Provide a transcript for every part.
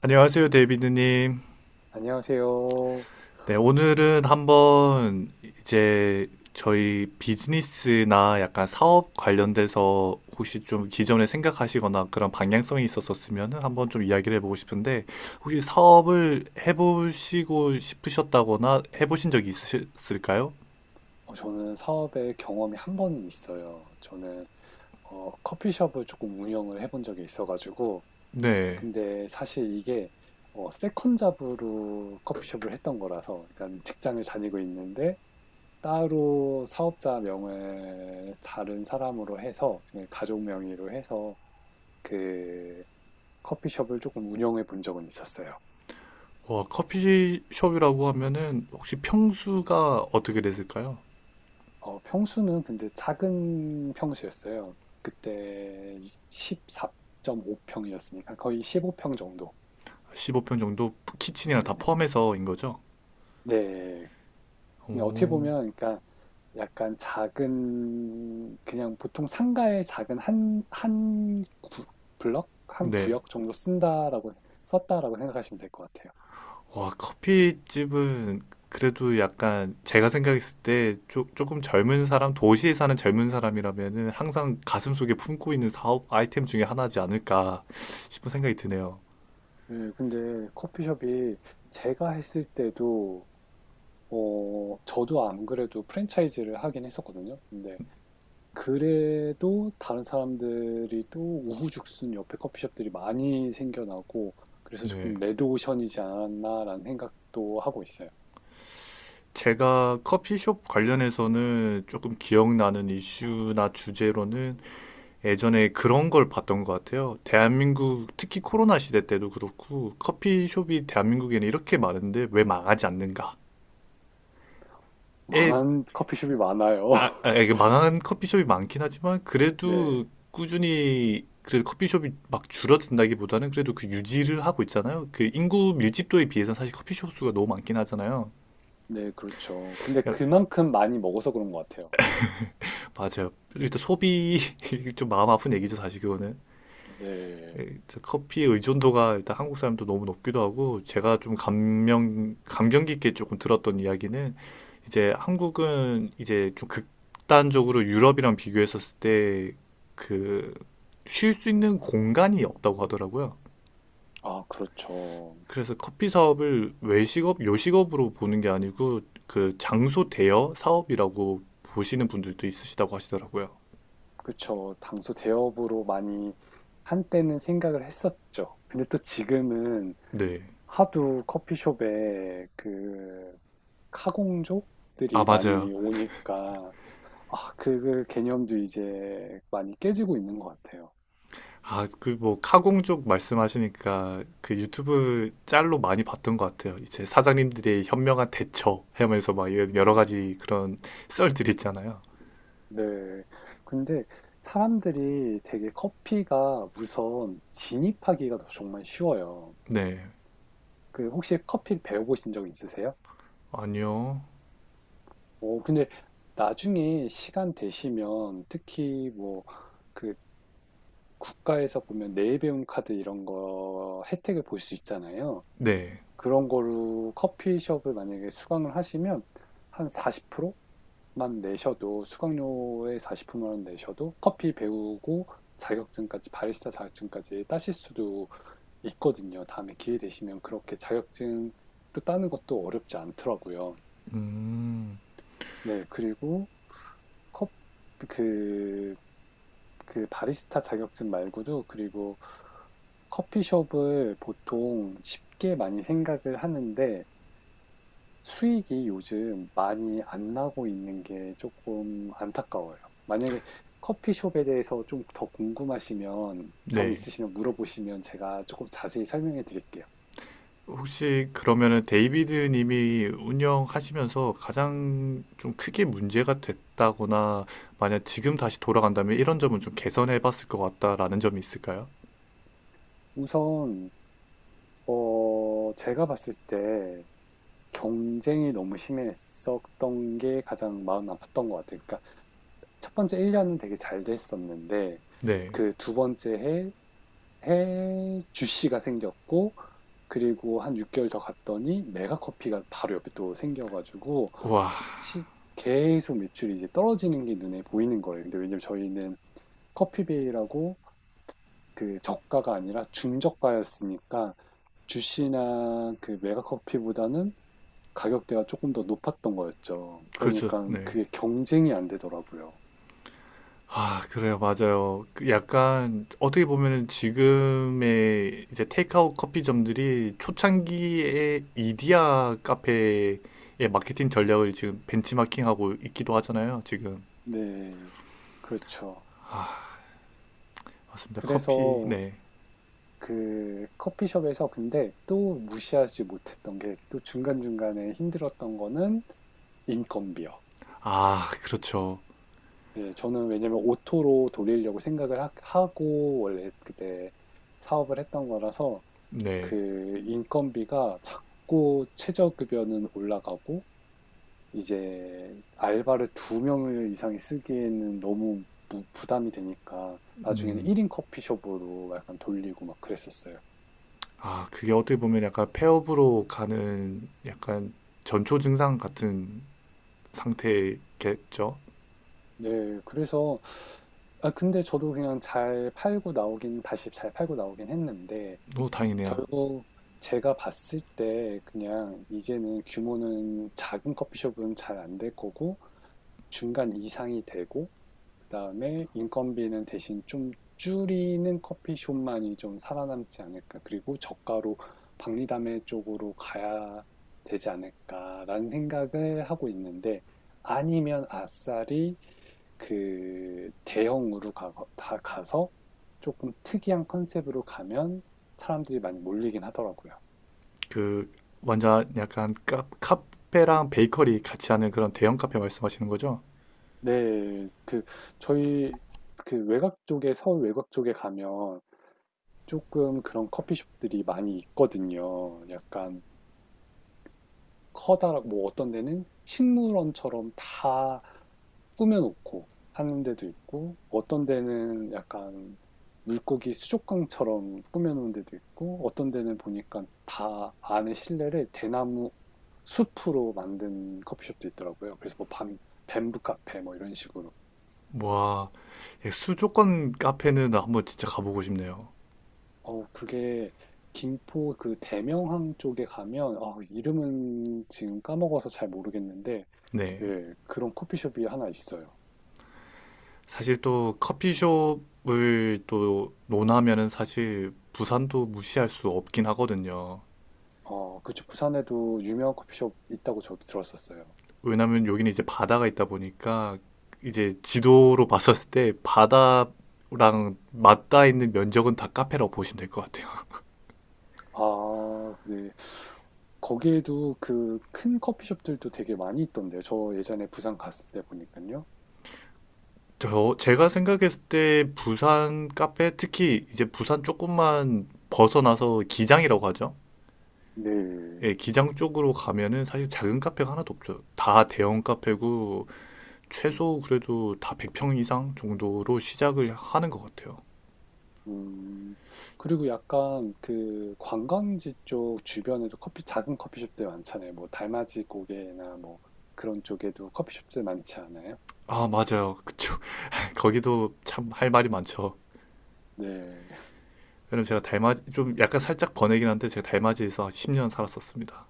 안녕하세요, 데이비드님. 안녕하세요. 네, 오늘은 한번 이제 저희 비즈니스나 약간 사업 관련돼서 혹시 좀 기존에 생각하시거나 그런 방향성이 있었었으면 한번 좀 이야기를 해보고 싶은데 혹시 사업을 해보시고 싶으셨다거나 해보신 적이 있으실까요? 저는 사업에 경험이 한 번은 있어요. 저는 커피숍을 조금 운영을 해본 적이 있어가지고, 네. 근데 사실 이게 세컨 잡으로 커피숍을 했던 거라서, 그러니까 직장을 다니고 있는데 따로 사업자 명을 다른 사람으로 해서, 그냥 가족 명의로 해서 그 커피숍을 조금 운영해 본 적은 있었어요. 와, 커피숍이라고 하면은 혹시 평수가 어떻게 됐을까요? 평수는 근데 작은 평수였어요. 그때 14.5평이었으니까 거의 15평 정도. 15평 정도 키친이랑 다 네네. 포함해서인 거죠? 네. 그냥 어떻게 오, 보면, 그러니까 약간 작은, 그냥 보통 상가의 작은 한 블럭? 한 네. 구역 정도 썼다라고 생각하시면 될 것 같아요. 와, 커피집은 그래도 약간 제가 생각했을 때 조금 젊은 사람, 도시에 사는 젊은 사람이라면은 항상 가슴속에 품고 있는 사업 아이템 중에 하나지 않을까 싶은 생각이 드네요. 네, 근데 커피숍이 제가 했을 때도, 저도 안 그래도 프랜차이즈를 하긴 했었거든요. 근데 그래도 다른 사람들이 또 우후죽순 옆에 커피숍들이 많이 생겨나고 그래서 조금 네. 레드오션이지 않았나라는 생각도 하고 있어요. 제가 커피숍 관련해서는 조금 기억나는 이슈나 주제로는 예전에 그런 걸 봤던 것 같아요. 대한민국, 특히 코로나 시대 때도 그렇고, 커피숍이 대한민국에는 이렇게 많은데 왜 망하지 않는가에. 망한 커피숍이 많아요. 이게 망한 커피숍이 많긴 하지만 네, 그래도 꾸준히 그래도 커피숍이 막 줄어든다기보다는 그래도 그 유지를 하고 있잖아요. 그 인구 밀집도에 비해서는 사실 커피숍 수가 너무 많긴 하잖아요. 네, 그렇죠. 근데 야, 그만큼 많이 먹어서 그런 것 같아요. 맞아요. 일단 소비 좀 마음 아픈 얘기죠, 사실 그거는. 네, 커피 의존도가 일단 한국 사람도 너무 높기도 하고 제가 좀 감명 깊게 조금 들었던 이야기는 이제 한국은 이제 좀 극단적으로 유럽이랑 비교했었을 때 그 쉴 수 있는 공간이 없다고 하더라고요. 아, 그렇죠. 그래서 커피 사업을 외식업, 요식업으로 보는 게 아니고 그 장소 대여 사업이라고 보시는 분들도 있으시다고 하시더라고요. 그렇죠. 당소 대업으로 많이 한때는 생각을 했었죠. 근데 또 지금은 네. 하도 커피숍에 그 아, 카공족들이 맞아요. 많이 오니까 아, 그 개념도 이제 많이 깨지고 있는 것 같아요. 아, 그 뭐 카공 쪽 말씀하시니까 그 유튜브 짤로 많이 봤던 것 같아요. 이제 사장님들의 현명한 대처 하면서 막 이런 여러 음, 가지 그런 썰들 있잖아요. 네. 근데 사람들이 되게 커피가 우선 진입하기가 더 정말 쉬워요. 네. 그 혹시 커피 배워보신 적 있으세요? 아니요. 오, 근데 나중에 시간 되시면 특히 뭐 그 국가에서 보면 내일 배움 카드 이런 거 혜택을 볼 수 있잖아요. 네. 그런 거로 커피숍을 만약에 수강을 하시면 한 40%만 내셔도 수강료의 40%만 내셔도 커피 배우고 자격증까지 바리스타 자격증까지 따실 수도 있거든요. 다음에 기회 되시면 그렇게 자격증도 따는 것도 어렵지 않더라고요. 음. 네, 그리고 컵, 그, 그 바리스타 자격증 말고도 그리고 커피숍을 보통 쉽게 많이 생각을 하는데 수익이 요즘 많이 안 나고 있는 게 조금 안타까워요. 만약에 커피숍에 대해서 좀 더 궁금하시면 점 네. 있으시면 물어보시면 제가 조금 자세히 설명해 드릴게요. 혹시 그러면은 데이비드 님이 운영하시면서 가장 좀 크게 문제가 됐다거나 만약 지금 다시 돌아간다면 이런 점은 좀 개선해 봤을 것 같다라는 점이 있을까요? 우선 제가 봤을 때 경쟁이 너무 심했었던 게 가장 마음 아팠던 것 같아요. 그러니까 첫 번째 1년 년은 되게 잘 됐었는데 네. 그 두 번째 해 주씨가 생겼고 그리고 한 6개월 더 갔더니 메가커피가 바로 옆에 또 생겨가지고 와, 시- 계속 매출이 이제 떨어지는 게 눈에 보이는 거예요. 근데 왜냐면 저희는 커피베이라고 그 저가가 아니라 중저가였으니까 주시나 그 메가커피보다는 가격대가 조금 더 높았던 거였죠. 그렇죠. 그러니까 네. 그게 경쟁이 안 되더라고요. 아, 그래요. 맞아요. 그 약간 어떻게 보면은 지금의 이제 테이크아웃 커피점들이 초창기에 이디야 카페의 마케팅 전략을 지금 벤치마킹하고 있기도 하잖아요. 지금. 네, 그렇죠. 맞습니다. 커피. 그래서 네. 그 커피숍에서 근데 또 무시하지 못했던 게 또 중간중간에 힘들었던 거는 인건비요. 아, 그렇죠. 예, 저는 왜냐면 오토로 돌리려고 생각을 하, 고 원래 그때 사업을 했던 거라서 네. 그 인건비가 자꾸 최저급여는 올라가고 이제 알바를 두 명 이상이 쓰기에는 너무 부담이 되니까 나중에는 음. 1인 커피숍으로 약간 돌리고 막 그랬었어요. 아, 그게 어떻게 보면 약간 폐업으로 가는 약간 전초 증상 같은 상태겠죠. 네. 그래서 근데 저도 그냥 잘 팔고 나오긴 다시 잘 팔고 나오긴 했는데 너무 다행이네요. 결국 제가 봤을 때 그냥 이제는 규모는 작은 커피숍은 잘 안될 거고 중간 이상이 되고 그다음에 인건비는 대신 좀 줄이는 커피숍만이 좀 살아남지 않을까. 그리고 저가로 박리담회 쪽으로 가야 되지 않을까라는 생각을 하고 있는데 아니면 아싸리 그 대형으로 가, 다 가서 조금 특이한 컨셉으로 가면 사람들이 많이 몰리긴 하더라고요. 그 먼저 약간 카페랑 베이커리 같이 하는 그런 대형 카페 말씀하시는 거죠? 네, 그 저희 그 외곽 쪽에 서울 외곽 쪽에 가면 조금 그런 커피숍들이 많이 있거든요. 약간 커다랗고 뭐 어떤 데는 식물원처럼 다 꾸며 놓고 하는 데도 있고 어떤 데는 약간 물고기 수족관처럼 꾸며 놓은 데도 있고 어떤 데는 보니까 다 안에 실내를 대나무 숲으로 만든 커피숍도 있더라고요. 그래서 뭐 밤 뱀부 카페 뭐 이런 식으로. 와, 예, 수도권 카페는 한번 진짜 가보고 싶네요. 그게 김포 그 대명항 쪽에 가면, 아, 이름은 지금 까먹어서 잘 모르겠는데, 네, 네. 그런 커피숍이 하나 있어요. 사실 또 커피숍을 또 논하면은 사실 부산도 무시할 수 없긴 하거든요. 그쪽 부산에도 유명한 커피숍 있다고 저도 들었었어요. 왜냐면 여기는 이제 바다가 있다 보니까 이제 지도로 봤었을 때 바다랑 맞닿아 있는 면적은 다 카페라고 보시면 될 것 같아요. 아, 네. 거기에도 그 큰 커피숍들도 되게 많이 있던데요. 저 예전에 부산 갔을 때 보니까요. 저 제가 생각했을 때 부산 카페 특히 이제 부산 조금만 벗어나서 기장이라고 하죠. 네. 예, 기장 쪽으로 가면은 사실 작은 카페가 하나도 없죠. 다 대형 카페고 음. 최소 그래도 다 100평 이상 정도로 시작을 하는 것 같아요. 음, 그리고 약간 그 관광지 쪽 주변에도 작은 커피숍들 많잖아요. 뭐 달맞이 고개나 뭐 그런 쪽에도 커피숍들 많지 않아요? 아, 맞아요. 그쵸. 거기도 참 할 말이 많죠. 네. 왜냐면 제가 달맞이 좀 약간 살짝 번외긴 한데 제가 달맞이에서 10년 살았었습니다.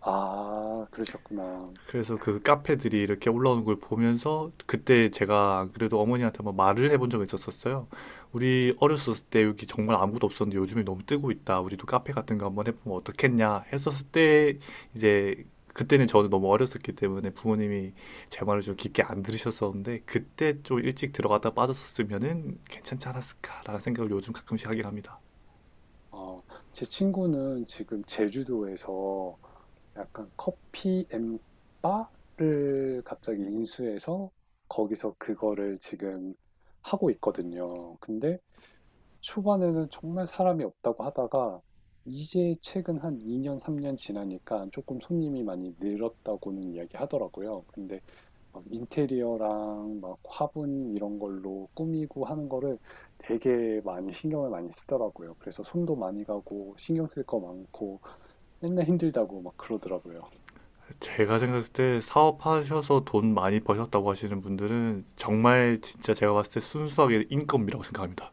아, 그러셨구나. 그래서 그 카페들이 이렇게 올라오는 걸 보면서 그때 제가 안 그래도 어머니한테 한번 말을 해본 적이 있었었어요. 우리 어렸을 때 여기 정말 아무것도 없었는데 요즘에 너무 뜨고 있다. 우리도 카페 같은 거 한번 해보면 어떻겠냐 했었을 때 이제 그때는 저는 너무 어렸었기 때문에 부모님이 제 말을 좀 깊게 안 들으셨었는데 그때 좀 일찍 들어갔다 빠졌었으면은 괜찮지 않았을까라는 생각을 요즘 가끔씩 하긴 합니다. 어, 제 친구는 지금 제주도에서 약간 커피 앤 바를 갑자기 인수해서 거기서 그거를 지금 하고 있거든요. 근데 초반에는 정말 사람이 없다고 하다가 이제 최근 한 2년, 3년 지나니까 조금 손님이 많이 늘었다고는 이야기 하더라고요. 근데 막 인테리어랑 막 화분 이런 걸로 꾸미고 하는 거를 되게 많이 신경을 많이 쓰더라고요. 그래서 손도 많이 가고 신경 쓸 거 많고 맨날 힘들다고 막 그러더라고요. 제가 생각했을 때 사업하셔서 돈 많이 버셨다고 하시는 분들은 정말 진짜 제가 봤을 때 순수하게 인건비라고 생각합니다.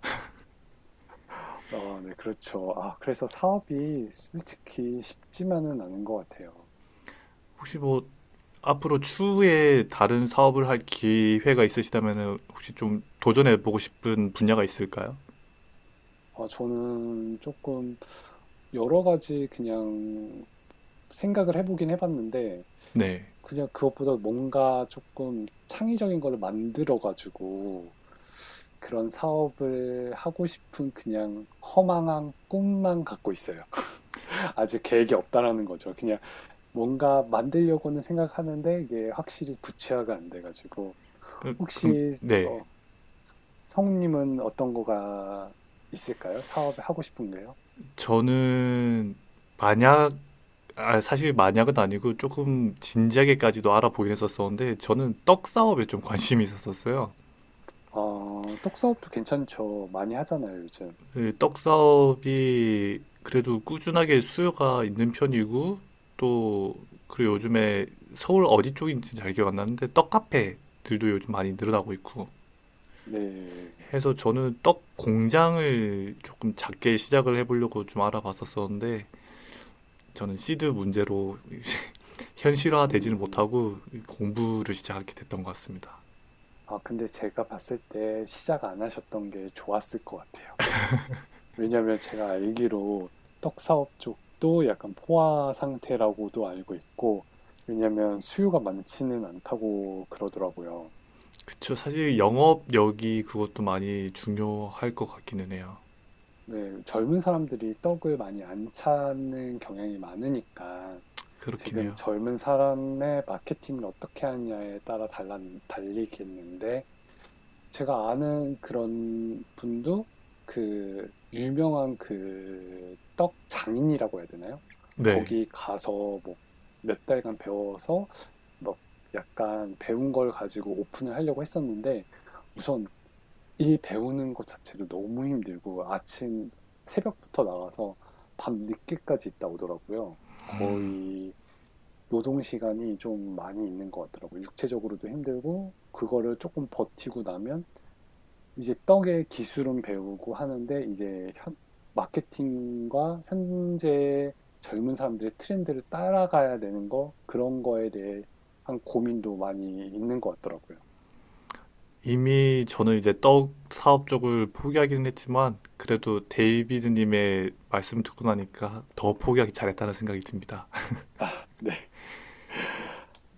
아, 네, 그렇죠. 아, 그래서 사업이 솔직히 쉽지만은 않은 것 같아요. 혹시 뭐 앞으로 추후에 다른 사업을 할 기회가 있으시다면 혹시 좀 도전해 보고 싶은 분야가 있을까요? 아, 저는 조금 여러 가지 그냥 생각을 해보긴 해봤는데, 네. 그냥 그것보다 뭔가 조금 창의적인 걸 만들어가지고 그런 사업을 하고 싶은 그냥 허망한 꿈만 갖고 있어요. 아직 계획이 없다라는 거죠. 그냥 뭔가 만들려고는 생각하는데 이게 확실히 구체화가 안 돼가지고. 그- 럼 혹시, 네. 어, 성우님은 어떤 거가 있을까요? 사업을 하고 싶은 게요? 저는 만약 아, 사실 만약은 아니고 조금 진지하게까지도 알아보긴 했었었는데 저는 떡 사업에 좀 관심이 있었었어요. 떡사업도 괜찮죠. 많이 하잖아요, 요즘. 그 떡사업이 그래도 꾸준하게 수요가 있는 편이고 또 그리고 요즘에 서울 어디 쪽인지 잘 기억 안 나는데 떡 카페들도 요즘 많이 늘어나고 있고 네. 해서 저는 떡 공장을 조금 작게 시작을 해보려고 좀 알아봤었었는데 저는 시드 문제로 현실화되지는 음. 못하고 공부를 시작하게 됐던 것 같습니다. 근데 제가 봤을 때 시작 안 하셨던 게 좋았을 것 같아요. 왜냐면 제가 알기로 떡사업 쪽도 약간 포화 상태라고도 알고 있고, 왜냐면 수요가 많지는 않다고 그러더라고요. 그쵸. 사실 영업력이 그것도 많이 중요할 것 같기는 해요. 왜 젊은 사람들이 떡을 많이 안 찾는 경향이 많으니까 그렇긴 지금 해요. 젊은 사람의 마케팅을 어떻게 하냐에 따라 달리겠는데, 제가 아는 그런 분도 그 유명한 그 떡 장인이라고 해야 되나요? 네. 거기 가서 뭐 몇 달간 배워서 막 약간 배운 걸 가지고 오픈을 하려고 했었는데 우선 이 배우는 것 자체도 너무 힘들고 아침 새벽부터 나와서 밤 늦게까지 있다 오더라고요. 거의 노동 시간이 좀 많이 있는 것 같더라고요. 육체적으로도 힘들고 그거를 조금 버티고 나면 이제 떡의 기술은 배우고 하는데 이제 마케팅과 현재 젊은 사람들의 트렌드를 따라가야 되는 거 그런 거에 대해 한 고민도 많이 있는 것 같더라고요. 이미 저는 이제 떡 사업 쪽을 포기하기는 했지만 그래도 데이비드님의 말씀 듣고 나니까 더 포기하기 잘했다는 생각이 듭니다. 네.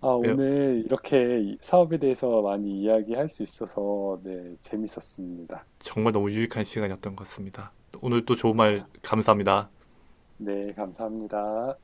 아, 네, 오늘 이렇게 이 사업에 대해서 많이 이야기할 수 있어서 네, 재밌었습니다. 정말 너무 유익한 시간이었던 것 같습니다. 오늘 또 좋은 말 아, 감사합니다. 네, 감사합니다.